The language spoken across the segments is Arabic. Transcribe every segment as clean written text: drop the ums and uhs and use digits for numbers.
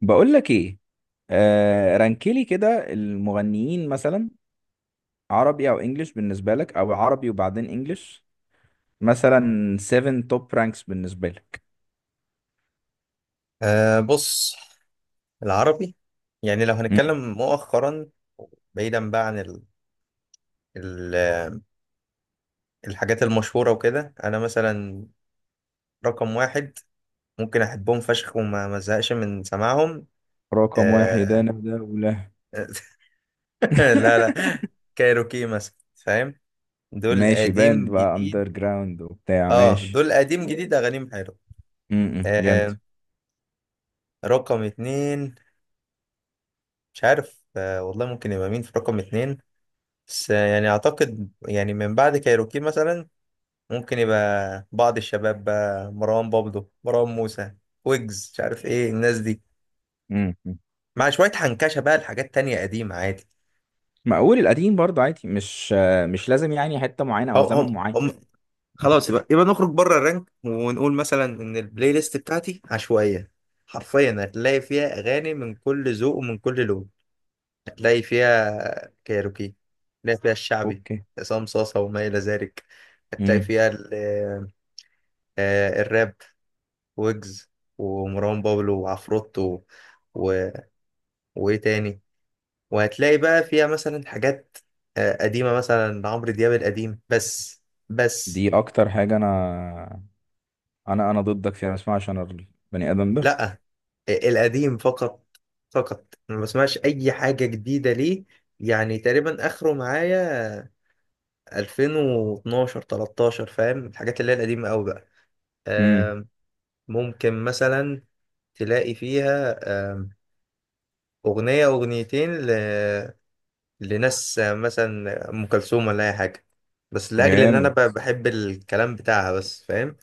بقول لك ايه؟ رانكلي كده المغنيين مثلا، عربي او انجليش بالنسبه لك، او عربي وبعدين انجليش؟ مثلا 7 توب رانكس بالنسبه لك. أه بص، العربي يعني لو مم. هنتكلم مؤخرا بعيدا بقى عن ال ال الحاجات المشهورة وكده. أنا مثلا رقم واحد ممكن أحبهم فشخ وما ما ازهقش من سماعهم. رقم واحد أه انا ده ولا؟ لا لا، كايروكي مثلا فاهم، دول ماشي، باند قديم بقى جديد. اندر جراوند وبتاع، اه ماشي. دول قديم جديد أغانيهم حلوة. جامد. أه رقم اتنين، مش عارف. أه والله ممكن يبقى مين في رقم اتنين؟ بس يعني أعتقد يعني من بعد كايروكي مثلا ممكن يبقى بعض الشباب بقى، مروان بابلو، مروان موسى، ويجز، مش عارف ايه الناس دي، امم مع شوية حنكشة بقى لحاجات تانية قديمة عادي. مقول القديم برضه عادي، مش مش لازم يعني حته معينه او هم زمن هم هم معين. خلاص، يبقى نخرج بره الرنك ونقول مثلا ان البلاي ليست بتاعتي عشوائية. حرفيا هتلاقي فيها اغاني من كل ذوق ومن كل لون. هتلاقي فيها كايروكي، هتلاقي فيها الشعبي، اوكي. عصام صاصة وما إلى ذلك. هتلاقي امم. فيها الراب، ويجز ومروان بابلو وعفروتو، وايه تاني، وهتلاقي بقى فيها مثلا حاجات قديمة مثلا لعمرو دياب، القديم بس. بس دي اكتر حاجه انا انا ضدك فيها اسمها، عشان البني ادم لا، القديم فقط، فقط. أنا ما بسمعش اي حاجة جديدة ليه، يعني تقريبا اخره معايا 2012 13، فاهم؟ الحاجات اللي هي القديمة قوي بقى. ده آم، ممكن مثلا تلاقي فيها آم، اغنية اغنيتين لناس مثلا ام كلثوم ولا اي حاجه، بس لاجل ان انا جامد. بحب الكلام بتاعها بس، فاهم.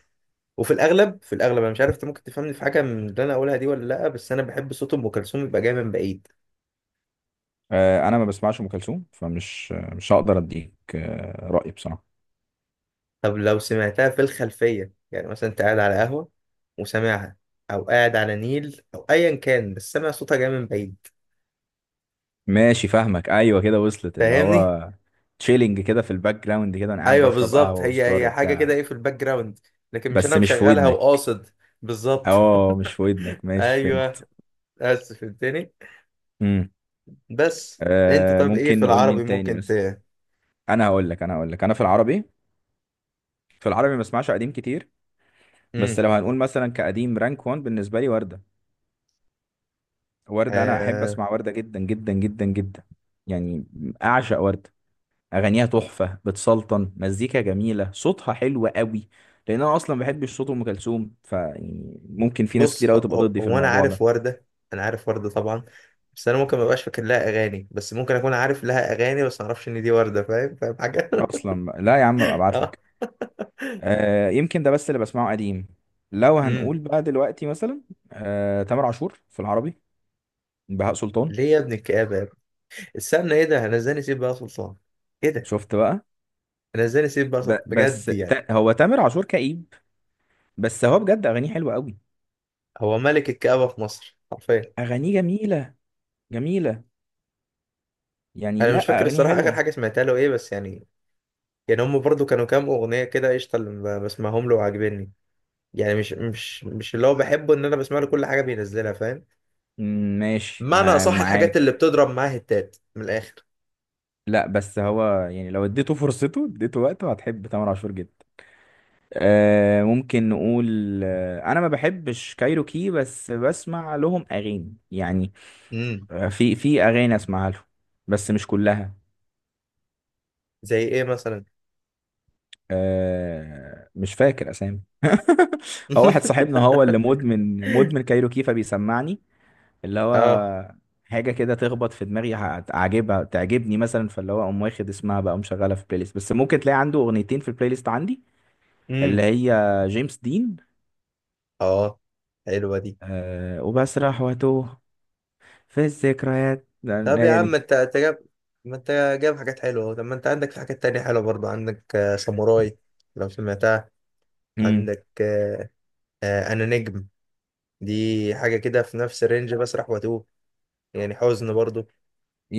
وفي الاغلب، في الاغلب، انا مش عارف انت ممكن تفهمني في حاجه من اللي انا اقولها دي ولا لا، بس انا بحب صوت ام كلثوم يبقى جاي من بعيد. انا ما بسمعش ام كلثوم، فمش مش هقدر اديك رايي بصراحه. طب لو سمعتها في الخلفيه، يعني مثلا انت قاعد على قهوه وسامعها، او قاعد على نيل او ايا كان، بس سامع صوتها جاي من بعيد، ماشي فاهمك، ايوه كده وصلت، اللي فاهمني؟ هو تشيلنج كده في الباك جراوند، كده انا قاعد ايوه بشرب بالظبط، قهوه هي وسجاره هي حاجه وبتاع، كده، ايه، في الباك جراوند، لكن مش بس انا مش في مشغلها ودنك. وقاصد. بالظبط. اه مش في ودنك، ماشي ايوه، فهمت. اسف. امم. بس انت طب ايه ممكن في نقول العربي مين تاني ممكن ت مثلا. انا هقول لك انا في العربي، في العربي ما بسمعش قديم كتير. مم. بس لو هنقول مثلا كقديم، رانك 1 بالنسبه لي ورده. ورده انا احب آه اسمع ورده جدا جدا جدا جدا يعني، اعشق ورده. اغانيها تحفه، بتسلطن، مزيكا جميله، صوتها حلو قوي. لان انا اصلا ما بحبش صوت ام كلثوم، فيعني ممكن في ناس كتير بص، هو, قوي تبقى هو ضدي في هو انا الموضوع عارف ده وردة، انا عارف وردة طبعا، بس انا ممكن ما ابقاش فاكر لها اغاني، بس ممكن اكون عارف لها اغاني بس ما اعرفش ان دي وردة، فاهم، فاهم حاجة. اصلا بقى. لا يا عم ابقى ابعت اه. لك. يمكن ده بس اللي بسمعه قديم. لو امم. هنقول بقى دلوقتي مثلا، تامر عاشور في العربي، بهاء سلطان. ليه يا ابن الكآبة يا ابني؟ استنى ايه ده، انا ازاي نسيب بقى سلطان؟ ايه ده، شفت بقى. انا ازاي نسيب بقى ب سلطان بس بجد يعني؟ تا هو تامر عاشور كئيب، بس هو بجد اغانيه حلوه قوي. هو ملك الكآبة في مصر حرفيا. اغانيه جميله، جميله، يعني انا مش لا فاكر اغانيه الصراحة اخر حلوه. حاجة سمعتها له ايه، بس يعني، يعني هم برضو كانوا كام اغنية كده قشطة اللي بسمعهم له وعاجبني. يعني مش اللي هو بحبه ان انا بسمع له كل حاجه بينزلها، فاهم. ماشي معنى مع اصح، الحاجات اللي معاك بتضرب معاه هتات من الاخر. لا بس هو يعني لو اديته فرصته، اديته وقته، هتحب تامر عاشور جدا. ممكن نقول، انا ما بحبش كايروكي بس بسمع لهم اغاني يعني. امم. في اغاني اسمعها لهم، بس مش كلها. زي ايه مثلا؟ مش فاكر اسامي. هو واحد صاحبنا هو اللي مدمن كايروكي، فبيسمعني اللي اه. هو حاجه كده تخبط في دماغي، هتعجبها تعجبني مثلا، فاللي هو اقوم واخد اسمها بقى ومشغلها في بلاي ليست. بس ممكن تلاقي عنده اغنيتين في البلاي ليست عندي، اللي امم. هي جيمس دين، اه، حلوه دي. أه وبسرح واتوه في اللي طب يا هي عم ما دي. انت جاب، ما انت جاب حاجات حلوه أهو. طب ما انت عندك في حاجات تانية حلوه برضه. عندك ساموراي، لو سمعتها. مم. عندك انا نجم. دي حاجه كده في نفس الرينج، بسرح واتوه، يعني حزن برضه.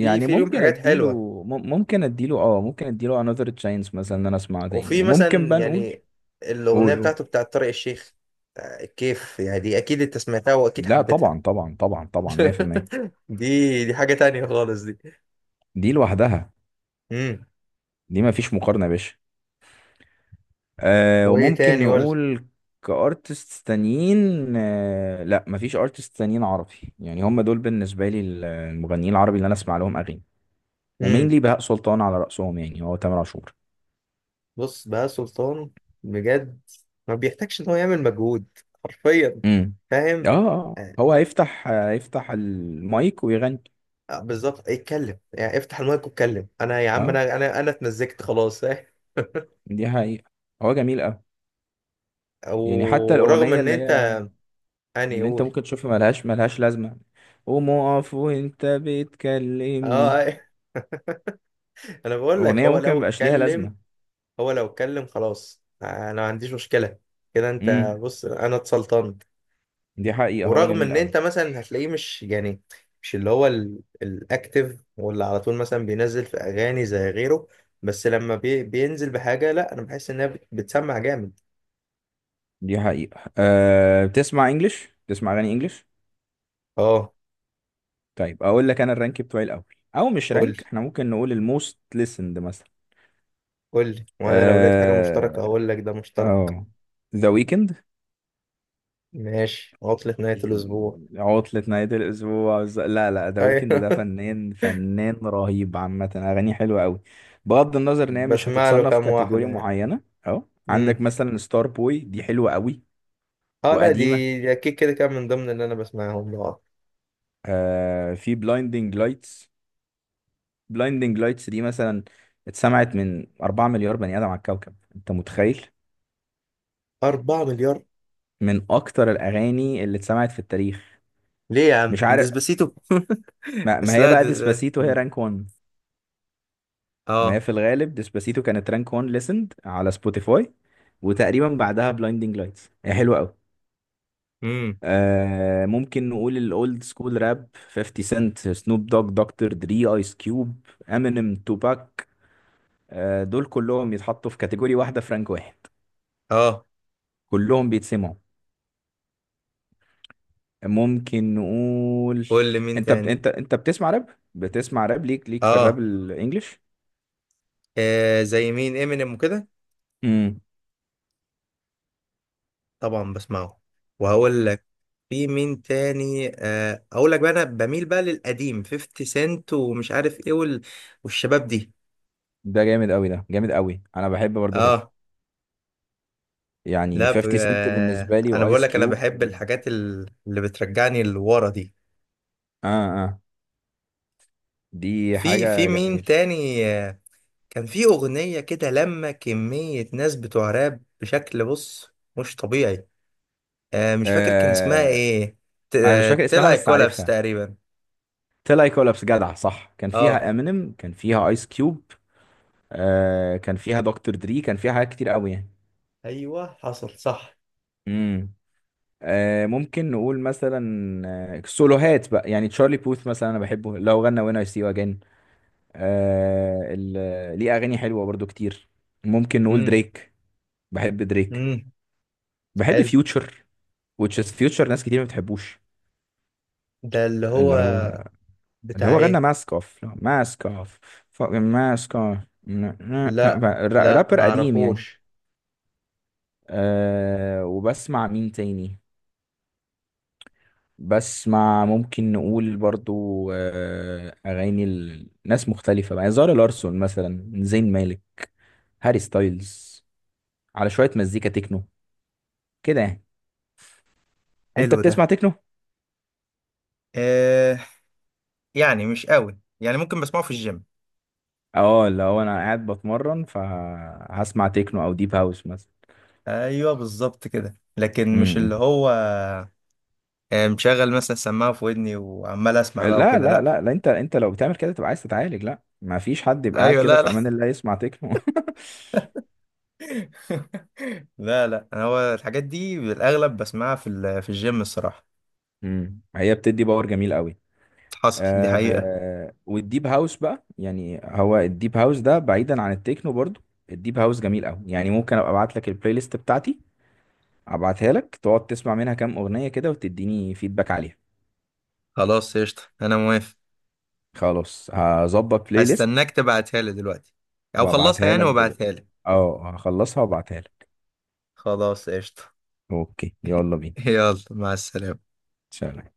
في، في ليهم ممكن حاجات اديله، حلوه. ممكن اديله، اه ممكن اديله another chance مثلا، ان انا اسمعه تاني. وفي وممكن مثلا بقى نقول، يعني الأغنية قول قول. بتاعته، بتاعت طارق الشيخ، الكيف، يعني دي أكيد أنت سمعتها وأكيد لا حبيتها. طبعا طبعا طبعا طبعا، 100%. دي، دي حاجة تانية خالص دي. دي لوحدها، امم. دي ما فيش مقارنة يا باشا. أه وإيه وممكن تاني، قول. نقول كارتست تانيين. أه لا ما فيش ارتست تانيين عربي يعني، هم دول بالنسبة لي المغنيين العربي اللي انا اسمع لهم اغاني. امم. ومينلي بهاء سلطان على رأسهم، يعني هو تامر عاشور. بص بقى سلطان، بجد ما بيحتاجش إن هو يعمل مجهود، حرفيا، امم. اه فاهم. آه، هو هيفتح المايك ويغني. بالظبط، اتكلم يعني، افتح المايك واتكلم، أنا يا عم، اه أنا اتمزجت خلاص، فاهم. دي حقيقة، هو جميل قوي. يعني حتى ورغم الأغنية إن اللي هي، أنت، أني اللي انت قول، ممكن تشوفها ملهاش لازمة، قوم اقف وانت أه، بتكلمني، آه. أنا بقول لك أغنية هو ممكن لو مبقاش ليها اتكلم، لازمة. هو لو اتكلم خلاص انا ما عنديش مشكله. كده، انت امم. بص، انا اتسلطنت. دي حقيقة هو ورغم جميل ان قوي. انت مثلا هتلاقيه مش يعني، مش اللي هو الاكتف، واللي على طول مثلا بينزل في اغاني زي غيره، بس لما بينزل بحاجه، لا، انا بحس انها بتسمع جامد. دي حقيقة. أه بتسمع انجلش، بتسمع اغاني انجلش؟ اه، طيب اقول لك انا الرانك بتوعي الاول، او مش قول لي، رانك، احنا ممكن نقول الموست listened مثلا. قول لي، وانا لو لقيت حاجه مشتركه آه، هقول لك ده مشترك. اه ذا ويكند. ماشي، عطله نهايه الاسبوع. عطلة نهاية الأسبوع لا، ذا ويكند ايوه. ده فنان، فنان رهيب عامة، أغانيه حلوة أوي، بغض النظر إن هي مش بسمع له هتتصنف كام كاتيجوري واحده يعني. معينة. أه عندك امم. مثلا ستار بوي، دي حلوة أوي اه لا، دي، وقديمة. دي اكيد كده كان من ضمن اللي انا بسمعهم. اه. آه في بلايندينج لايتس. بلايندينج لايتس دي مثلا اتسمعت من 4 مليار بني آدم على الكوكب، أنت متخيل؟ 4 مليار؟ من أكتر الأغاني اللي اتسمعت في التاريخ. ليه يا عم، مش عارف، ديسباسيتو. ما بس هي لا بقى ديسباسيتو هي رانك 1. ما هي اه. في الغالب ديسباسيتو كانت رانك 1 ليسند على سبوتيفاي، وتقريبا بعدها بلايندينج لايتس، هي حلوه قوي. امم. آه ممكن نقول الاولد سكول راب، 50 سنت، سنوب دوج، دكتور دري، ايس كيوب، امينيم، توباك. آه دول كلهم يتحطوا في كاتيجوري واحده في رانك واحد، اه. كلهم بيتسمعوا. ممكن نقول، قول لي مين تاني. انت بتسمع راب؟ بتسمع راب، ليك في الراب اه، الانجليش. زي مين، امينيم وكده، امم. طبعا بسمعه. وهقول لك في مين تاني. آه اقول لك بقى، انا بميل بقى للقديم، 50 سنت ومش عارف ايه والشباب دي. ده جامد قوي، ده جامد قوي، انا بحب برضو كده اه يعني. لا 50 سنت بالنسبة لي انا بقول وايس لك، انا كيوب بحب و... الحاجات اللي بترجعني لورا دي. اه اه دي في، في حاجة مين جميلة. تاني كان في أغنية كده لما كمية ناس بتوع راب بشكل، بص، مش طبيعي. آه مش فاكر كان اسمها آه ايه. انا مش فاكر اسمها تلعي بس كولابس عارفها، تقريبا. تيل اي كولابس، جدع صح، كان اه. فيها امينيم، كان فيها ايس كيوب، آه كان فيها دكتور دري، كان فيها حاجات كتير قوي يعني. ايوه حصل صح. امم. آه ممكن نقول مثلا، سولوهات بقى، يعني تشارلي بوث مثلا انا بحبه، لو غنى وين اي سي يو اجين، ليه اغاني حلوة برضو كتير. ممكن نقول امم. دريك، بحب دريك. امم. بحب حلو. فيوتشر، which is future، ناس كتير ما بتحبوش. ده اللي اللي هو هو، اللي بتاع هو غنى ايه؟ ماسك اوف، ماسك اوف. لا لا رابر قديم يعني. معرفوش. أه وبسمع مين تاني، بسمع، ممكن نقول برضو، أه أغاني ناس مختلفة بقى يعني، زارا لارسون مثلا، زين مالك، هاري ستايلز، على شوية مزيكا تكنو كده يعني. انت حلو ده. بتسمع تكنو؟ آه يعني مش قوي، يعني ممكن بسمعه في الجيم. اه اللي هو انا قاعد بتمرن، فهسمع تكنو او ديب هاوس مثلا. ايوه بالظبط كده، لكن مش اللي امم. هو مشغل مثلا سماعه في ودني وعمال اسمع لا بقى وكده، لا لا. لا لا انت لو بتعمل كده تبقى عايز تتعالج، لا ما فيش حد يبقى قاعد ايوه، كده لا في لا امان الله يسمع تكنو. لا لا، أنا هو الحاجات دي بالاغلب بسمعها في في الجيم الصراحه. هي بتدي باور جميل قوي. حصل، دي حقيقه. آه والديب هاوس بقى يعني، هو الديب هاوس ده بعيدا عن التكنو برضو، الديب هاوس جميل قوي يعني. ممكن ابقى ابعت لك البلاي ليست بتاعتي، ابعتها لك تقعد تسمع منها كام اغنية كده، وتديني فيدباك عليها. خلاص قشطه، انا موافق. خلاص هظبط بلاي ليست هستناك تبعتها لي دلوقتي، او خلصها وابعتها يعني لك دلوقتي. وابعتها لي. اه هخلصها وابعتها لك. خلاص قشطه. اوكي، يلا بينا. يلا، مع السلامه. سلام.